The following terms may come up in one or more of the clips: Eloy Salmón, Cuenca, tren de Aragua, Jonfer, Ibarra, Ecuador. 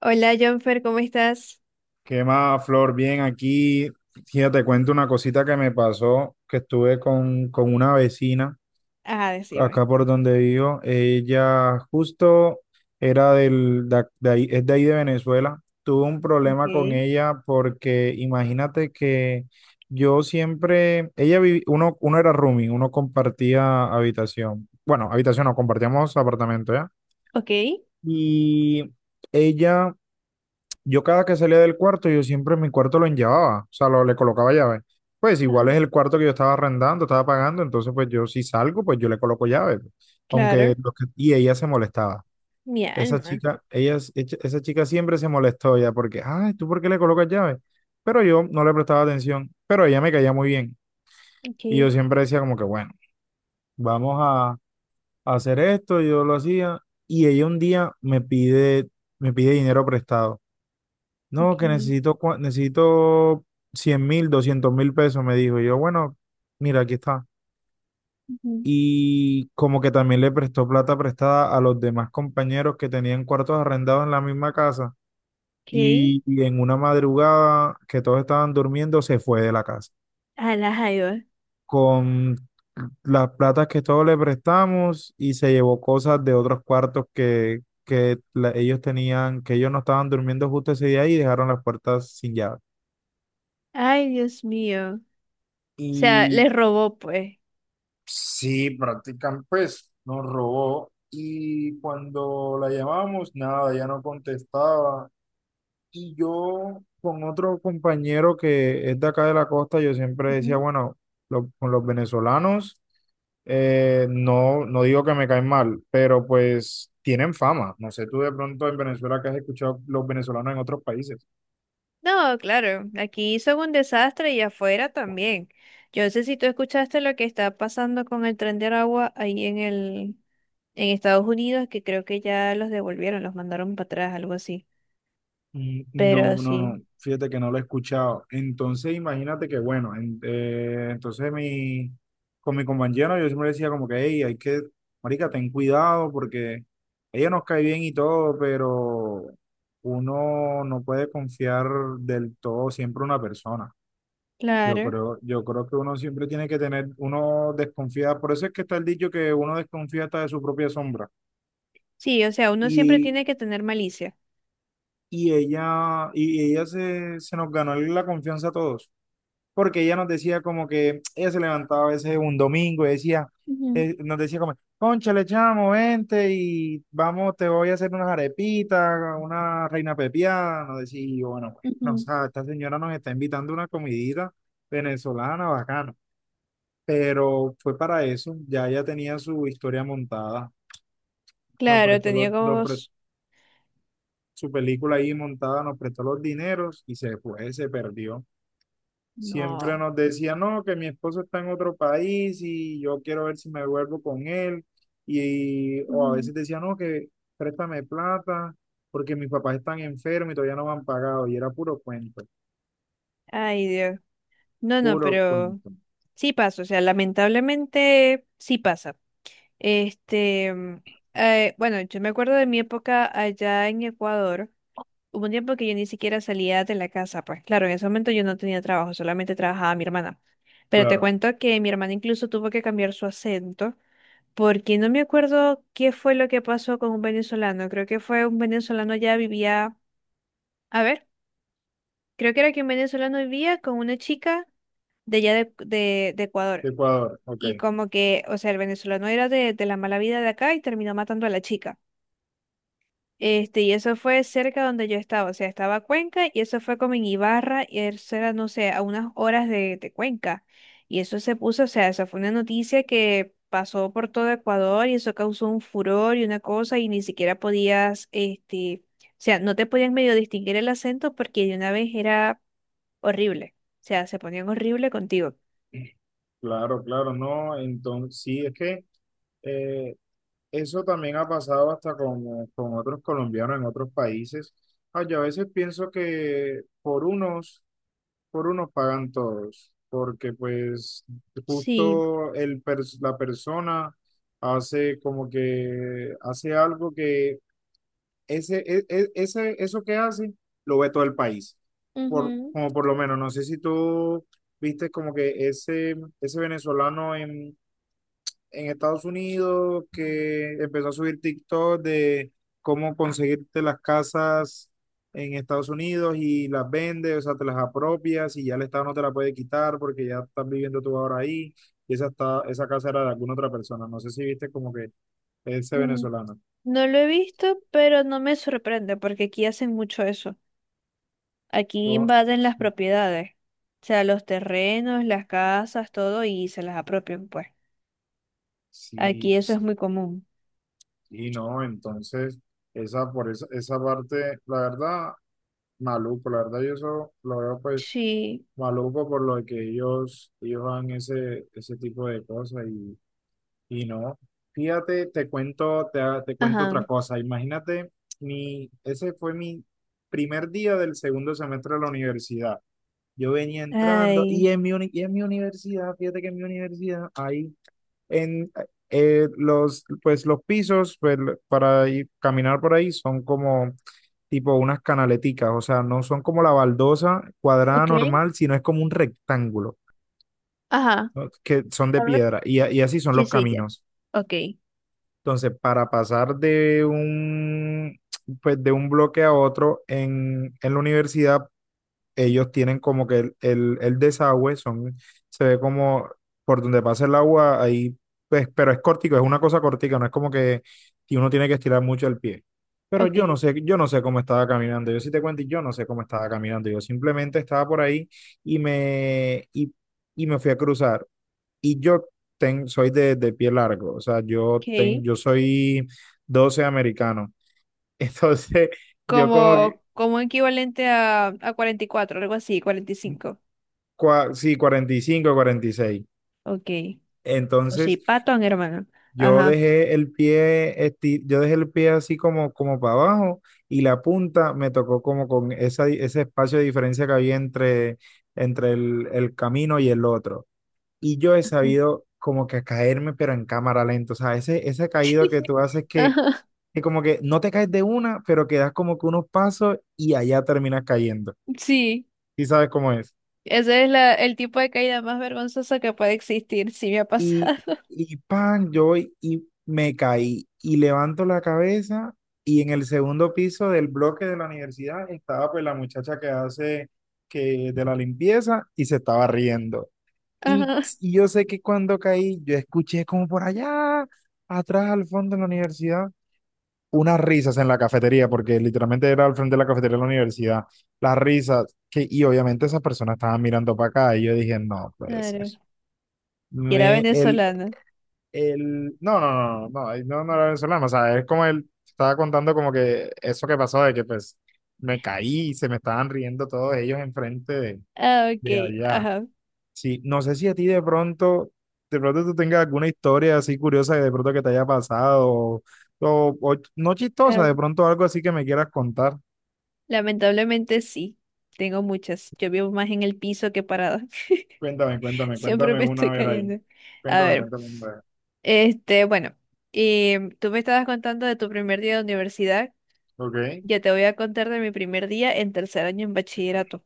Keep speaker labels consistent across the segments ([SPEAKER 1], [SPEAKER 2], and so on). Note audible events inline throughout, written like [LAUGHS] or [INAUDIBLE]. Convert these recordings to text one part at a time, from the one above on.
[SPEAKER 1] Hola, Jonfer, ¿cómo estás?
[SPEAKER 2] ¿Qué más, Flor? Bien, aquí, fíjate, te cuento una cosita que me pasó, que estuve con una vecina
[SPEAKER 1] Ah, decime.
[SPEAKER 2] acá por donde vivo. Ella justo era del, de, ac- de ahí, es de ahí de Venezuela. Tuve un problema con
[SPEAKER 1] Ok.
[SPEAKER 2] ella porque imagínate que yo siempre, ella vivi- uno era roomie, uno compartía habitación. Bueno, habitación no, compartíamos apartamento, ¿ya?
[SPEAKER 1] Ok.
[SPEAKER 2] Y ella yo cada que salía del cuarto, yo siempre en mi cuarto lo enllevaba, o sea, le colocaba llave. Pues igual es
[SPEAKER 1] Ajá,
[SPEAKER 2] el cuarto que yo estaba arrendando, estaba pagando, entonces pues yo si salgo, pues yo le coloco llave, pues. Aunque
[SPEAKER 1] claro.
[SPEAKER 2] lo que- y ella se molestaba.
[SPEAKER 1] Mi
[SPEAKER 2] Esa
[SPEAKER 1] alma.
[SPEAKER 2] chica, ella, es- echa- esa chica siempre se molestó ya porque, ay, ¿tú por qué le colocas llave? Pero yo no le prestaba atención, pero ella me caía muy bien.
[SPEAKER 1] Ok.
[SPEAKER 2] Y yo siempre decía como que, bueno, vamos a hacer esto, yo lo hacía. Y ella un día me pide dinero prestado.
[SPEAKER 1] Ok.
[SPEAKER 2] No, que necesito 100.000, 200.000 pesos, me dijo. Y yo, bueno, mira, aquí está.
[SPEAKER 1] Ujú.
[SPEAKER 2] Y como que también le prestó plata prestada a los demás compañeros que tenían cuartos arrendados en la misma casa.
[SPEAKER 1] Ok.
[SPEAKER 2] Y en una madrugada que todos estaban durmiendo, se fue de la casa
[SPEAKER 1] A la jaiba.
[SPEAKER 2] con las platas que todos le prestamos y se llevó cosas de otros cuartos que ellos tenían, que ellos no estaban durmiendo justo ese día y dejaron las puertas sin llave.
[SPEAKER 1] Ay, Dios mío. O sea,
[SPEAKER 2] y
[SPEAKER 1] les robó, pues.
[SPEAKER 2] Sí, practican, pues nos robó, y cuando la llamamos, nada, ya no contestaba. Y yo con otro compañero que es de acá de la costa, yo siempre decía,
[SPEAKER 1] Ujú.
[SPEAKER 2] bueno, con los venezolanos, no, no digo que me caen mal, pero pues tienen fama. No sé tú de pronto en Venezuela que has escuchado los venezolanos en otros países.
[SPEAKER 1] No, claro. Aquí hizo un desastre y afuera también. Yo no sé si tú escuchaste lo que está pasando con el tren de Aragua ahí en Estados Unidos, que creo que ya los devolvieron, los mandaron para atrás, algo así.
[SPEAKER 2] Mm, no,
[SPEAKER 1] Pero
[SPEAKER 2] no,
[SPEAKER 1] sí.
[SPEAKER 2] no, fíjate que no lo he escuchado. Entonces, imagínate que, bueno, con mi compañero yo siempre decía como que, hey, hay que, marica, ten cuidado porque ella nos cae bien y todo, pero uno no puede confiar del todo siempre en una persona. Yo
[SPEAKER 1] Claro.
[SPEAKER 2] creo, yo creo que uno siempre tiene que tener, uno desconfía, por eso es que está el dicho que uno desconfía hasta de su propia sombra.
[SPEAKER 1] Sí, o sea, uno siempre
[SPEAKER 2] Y,
[SPEAKER 1] tiene que tener malicia.
[SPEAKER 2] y ella se nos ganó la confianza a todos, porque ella nos decía como que ella se levantaba a veces un domingo y decía,
[SPEAKER 1] Ujú,
[SPEAKER 2] nos decía como, cónchale, chamo, vente y vamos, te voy a hacer unas arepitas, una reina pepiada, nos decía, y yo, bueno, pues, no, o
[SPEAKER 1] ujú.
[SPEAKER 2] sea, esta señora nos está invitando a una comidita venezolana bacana, pero fue para eso, ya ella tenía su historia montada, nos
[SPEAKER 1] Claro,
[SPEAKER 2] prestó los, nos pre-
[SPEAKER 1] teníamos...
[SPEAKER 2] su película ahí montada, nos prestó los dineros y se fue, se perdió. Siempre
[SPEAKER 1] No.
[SPEAKER 2] nos decía, no, que mi esposo está en otro país y yo quiero ver si me vuelvo con él. O a
[SPEAKER 1] Ujú.
[SPEAKER 2] veces decía, no, que préstame plata porque mis papás están enfermos y todavía no me han pagado. Y era puro cuento,
[SPEAKER 1] Ay, Dios. No, no,
[SPEAKER 2] puro
[SPEAKER 1] pero
[SPEAKER 2] cuento.
[SPEAKER 1] sí pasa, o sea, lamentablemente sí pasa. Este, mm, bueno, yo me acuerdo de mi época allá en Ecuador. Hubo un tiempo que yo ni siquiera salía de la casa, pues claro, en ese momento yo no tenía trabajo, solamente trabajaba mi hermana. Pero te
[SPEAKER 2] Claro,
[SPEAKER 1] cuento que mi hermana incluso tuvo que cambiar su acento porque no me acuerdo qué fue lo que pasó con un venezolano. Creo que fue un venezolano ya vivía, a ver, creo que era que un venezolano vivía con una chica de allá de Ecuador.
[SPEAKER 2] de Ecuador, ok.
[SPEAKER 1] Y como que, o sea, el venezolano era de la mala vida de acá y terminó matando a la chica. Este, y eso fue cerca donde yo estaba, o sea, estaba Cuenca y eso fue como en Ibarra y eso era, no sé, a unas horas de Cuenca. Y eso se puso, o sea, eso fue una noticia que pasó por todo Ecuador y eso causó un furor y una cosa y ni siquiera podías, este, o sea, no te podían medio distinguir el acento porque de una vez era horrible, o sea, se ponían horrible contigo.
[SPEAKER 2] Claro, claro, no. Entonces, sí, es que eh, eso también ha pasado hasta con otros colombianos en otros países. Ah, yo a veces pienso que Por unos pagan todos, porque pues
[SPEAKER 1] Sí,
[SPEAKER 2] justo la persona hace como que hace algo que ese, e- e- ese, eso que hace lo ve todo el país.
[SPEAKER 1] ujú.
[SPEAKER 2] Como por lo menos, no sé si tú viste como que ese venezolano en Estados Unidos que empezó a subir TikTok de cómo conseguirte las casas en Estados Unidos y las vendes, o sea, te las apropias y ya el Estado no te la puede quitar porque ya estás viviendo tú ahora ahí y esa casa era de alguna otra persona. No sé si viste como que ese
[SPEAKER 1] mm,
[SPEAKER 2] venezolano.
[SPEAKER 1] No lo he visto, pero no me sorprende porque aquí hacen mucho eso. Aquí
[SPEAKER 2] Yo,
[SPEAKER 1] invaden las propiedades, o sea, los terrenos, las casas, todo, y se las apropian, pues.
[SPEAKER 2] sí,
[SPEAKER 1] Aquí eso es
[SPEAKER 2] sí,
[SPEAKER 1] muy común.
[SPEAKER 2] y no, entonces, por esa parte, la verdad, maluco, la verdad, yo eso lo veo, pues
[SPEAKER 1] Sí,
[SPEAKER 2] maluco por lo que ellos, hagan ese tipo de cosas y, no. Fíjate, te cuento
[SPEAKER 1] ajá.
[SPEAKER 2] otra cosa. Imagínate, ese fue mi primer día del segundo semestre de la universidad. Yo venía entrando
[SPEAKER 1] Ay.
[SPEAKER 2] y y en mi universidad, fíjate que en mi universidad hay en pues los pisos, pues, para caminar por ahí son como tipo unas canaleticas, o sea, no son como la baldosa cuadrada
[SPEAKER 1] Ok.
[SPEAKER 2] normal, sino es como un rectángulo,
[SPEAKER 1] Ajá.
[SPEAKER 2] ¿no?, que son de
[SPEAKER 1] A ver.
[SPEAKER 2] piedra, y así son
[SPEAKER 1] Sí,
[SPEAKER 2] los
[SPEAKER 1] sí, ya.
[SPEAKER 2] caminos.
[SPEAKER 1] Ok,
[SPEAKER 2] Entonces, para pasar de pues, de un bloque a otro en la universidad, ellos tienen como que el desagüe, se ve como por donde pasa el agua, ahí, pues, pero es cortico, es una cosa cortica, no es como que uno tiene que estirar mucho el pie. Pero
[SPEAKER 1] ok,
[SPEAKER 2] yo no sé cómo estaba caminando. Yo sí te cuento, y yo no sé cómo estaba caminando. Yo simplemente estaba por ahí y me, y, y me fui a cruzar. Y yo soy de pie largo, o sea, yo, ten,
[SPEAKER 1] ok.
[SPEAKER 2] yo soy 12 americano. Entonces, [LAUGHS] yo como que,
[SPEAKER 1] Como, como equivalente a 44, algo así, cuarenta y cinco.
[SPEAKER 2] sí, 45, 46.
[SPEAKER 1] Ok. O sí,
[SPEAKER 2] Entonces,
[SPEAKER 1] patón, hermano. Ajá.
[SPEAKER 2] yo dejé el pie así como, como para abajo, y la punta me tocó como con ese espacio de diferencia que había entre, el camino y el otro. Y yo he sabido como que caerme, pero en cámara lenta. O sea, ese caído que
[SPEAKER 1] [LAUGHS]
[SPEAKER 2] tú haces que,
[SPEAKER 1] Ajá.
[SPEAKER 2] como que no te caes de una, pero que das como que unos pasos y allá terminas cayendo.
[SPEAKER 1] Sí,
[SPEAKER 2] ¿Y sabes cómo es?
[SPEAKER 1] ese es el tipo de caída más vergonzosa que puede existir, sí me ha
[SPEAKER 2] Y,
[SPEAKER 1] pasado.
[SPEAKER 2] y pan, yo voy y me caí y levanto la cabeza, y en el segundo piso del bloque de la universidad estaba pues la muchacha que hace que de la limpieza y se estaba riendo. Y,
[SPEAKER 1] Ajá,
[SPEAKER 2] y yo sé que cuando caí, yo escuché como por allá, atrás, al fondo de la universidad, unas risas en la cafetería, porque literalmente era al frente de la cafetería de la universidad, las risas, que, y obviamente esas personas estaban mirando para acá y yo dije, no puede ser.
[SPEAKER 1] claro. Y era
[SPEAKER 2] Me, el,
[SPEAKER 1] venezolana.
[SPEAKER 2] no, no, no, no, no, no, no era venezolano, o sea, es como él estaba contando como que eso que pasó, de que pues me caí y se me estaban riendo todos ellos enfrente de,
[SPEAKER 1] Ah, ok,
[SPEAKER 2] allá.
[SPEAKER 1] ajá.
[SPEAKER 2] Sí, no sé si a ti de pronto, tú tengas alguna historia así curiosa de pronto que te haya pasado, o no chistosa,
[SPEAKER 1] Ah,
[SPEAKER 2] de pronto algo así que me quieras contar.
[SPEAKER 1] lamentablemente sí, tengo muchas. Yo vivo más en el piso que parada. [LAUGHS]
[SPEAKER 2] Cuéntame, cuéntame,
[SPEAKER 1] Siempre
[SPEAKER 2] cuéntame
[SPEAKER 1] me
[SPEAKER 2] una
[SPEAKER 1] estoy
[SPEAKER 2] vez ahí.
[SPEAKER 1] cayendo. A
[SPEAKER 2] Cuéntame,
[SPEAKER 1] ver,
[SPEAKER 2] cuéntame una vez,
[SPEAKER 1] este, bueno, tú me estabas contando de tu primer día de universidad.
[SPEAKER 2] ver. Ok,
[SPEAKER 1] Yo te voy a contar de mi primer día en tercer año en bachillerato.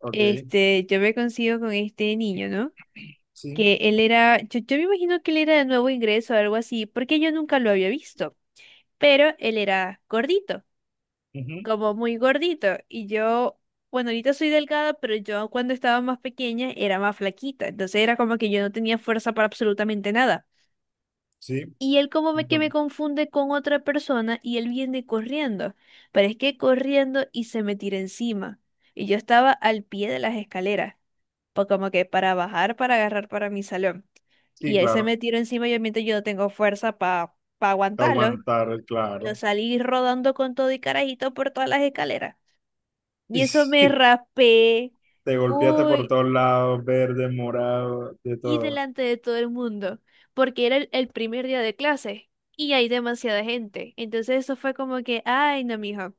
[SPEAKER 2] ok,
[SPEAKER 1] Este, yo me consigo con este niño, ¿no?
[SPEAKER 2] sí,
[SPEAKER 1] Que él era, yo me imagino que él era de nuevo ingreso o algo así, porque yo nunca lo había visto, pero él era gordito,
[SPEAKER 2] ujú,
[SPEAKER 1] como muy gordito. Y yo, bueno, ahorita soy delgada, pero yo cuando estaba más pequeña era más flaquita. Entonces era como que yo no tenía fuerza para absolutamente nada.
[SPEAKER 2] sí,
[SPEAKER 1] Y él como me, que me
[SPEAKER 2] entonces,
[SPEAKER 1] confunde con otra persona y él viene corriendo. Pero es que corriendo y se me tira encima. Y yo estaba al pie de las escaleras, pues como que para bajar, para agarrar para mi salón.
[SPEAKER 2] sí,
[SPEAKER 1] Y él se
[SPEAKER 2] claro.
[SPEAKER 1] me tiró encima y obviamente yo no tengo fuerza para
[SPEAKER 2] Te
[SPEAKER 1] aguantarlo.
[SPEAKER 2] aguantar,
[SPEAKER 1] Yo
[SPEAKER 2] claro.
[SPEAKER 1] salí rodando con todo y carajito por todas las escaleras. Y eso me
[SPEAKER 2] [LAUGHS]
[SPEAKER 1] raspé.
[SPEAKER 2] Te golpeaste por
[SPEAKER 1] Uy,
[SPEAKER 2] todos lados, verde, morado, de
[SPEAKER 1] y
[SPEAKER 2] todo.
[SPEAKER 1] delante de todo el mundo, porque era el primer día de clase y hay demasiada gente. Entonces eso fue como que, ay, no, mijo.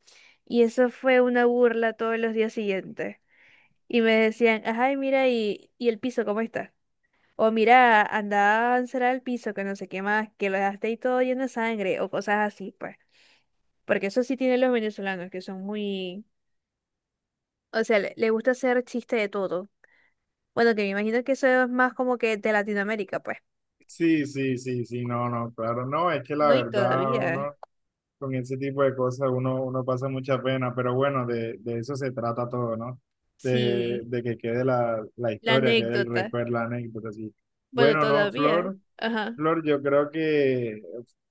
[SPEAKER 1] Y eso fue una burla todos los días siguientes. Y me decían, ay, mira, y el piso, ¿cómo está? O mira, anda a avanzar al piso, que no sé qué más, que lo dejaste ahí todo lleno de sangre, o cosas así, pues. Porque eso sí tienen los venezolanos, que son muy... O sea, le gusta hacer chiste de todo. Bueno, que me imagino que eso es más como que de Latinoamérica, pues.
[SPEAKER 2] Sí, sí, sí, sí, no, no, claro, no, es que la
[SPEAKER 1] No, y
[SPEAKER 2] verdad,
[SPEAKER 1] todavía.
[SPEAKER 2] uno con ese tipo de cosas, uno pasa mucha pena, pero bueno, de eso se trata todo, ¿no? De,
[SPEAKER 1] Sí,
[SPEAKER 2] de que quede la
[SPEAKER 1] la
[SPEAKER 2] historia, quede el
[SPEAKER 1] anécdota.
[SPEAKER 2] recuerdo, la anécdota, sí.
[SPEAKER 1] Bueno,
[SPEAKER 2] Bueno, no,
[SPEAKER 1] todavía.
[SPEAKER 2] Flor,
[SPEAKER 1] Ajá.
[SPEAKER 2] Yo creo que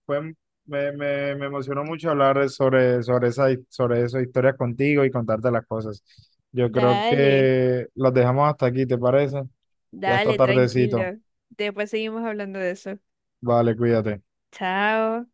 [SPEAKER 2] fue, me emocionó mucho hablar sobre esas historias contigo y contarte las cosas. Yo creo
[SPEAKER 1] Dale,
[SPEAKER 2] que las dejamos hasta aquí, ¿te parece? Ya está
[SPEAKER 1] dale,
[SPEAKER 2] tardecito.
[SPEAKER 1] tranquilo. Después seguimos hablando de eso.
[SPEAKER 2] Vale, cuídate.
[SPEAKER 1] Chao.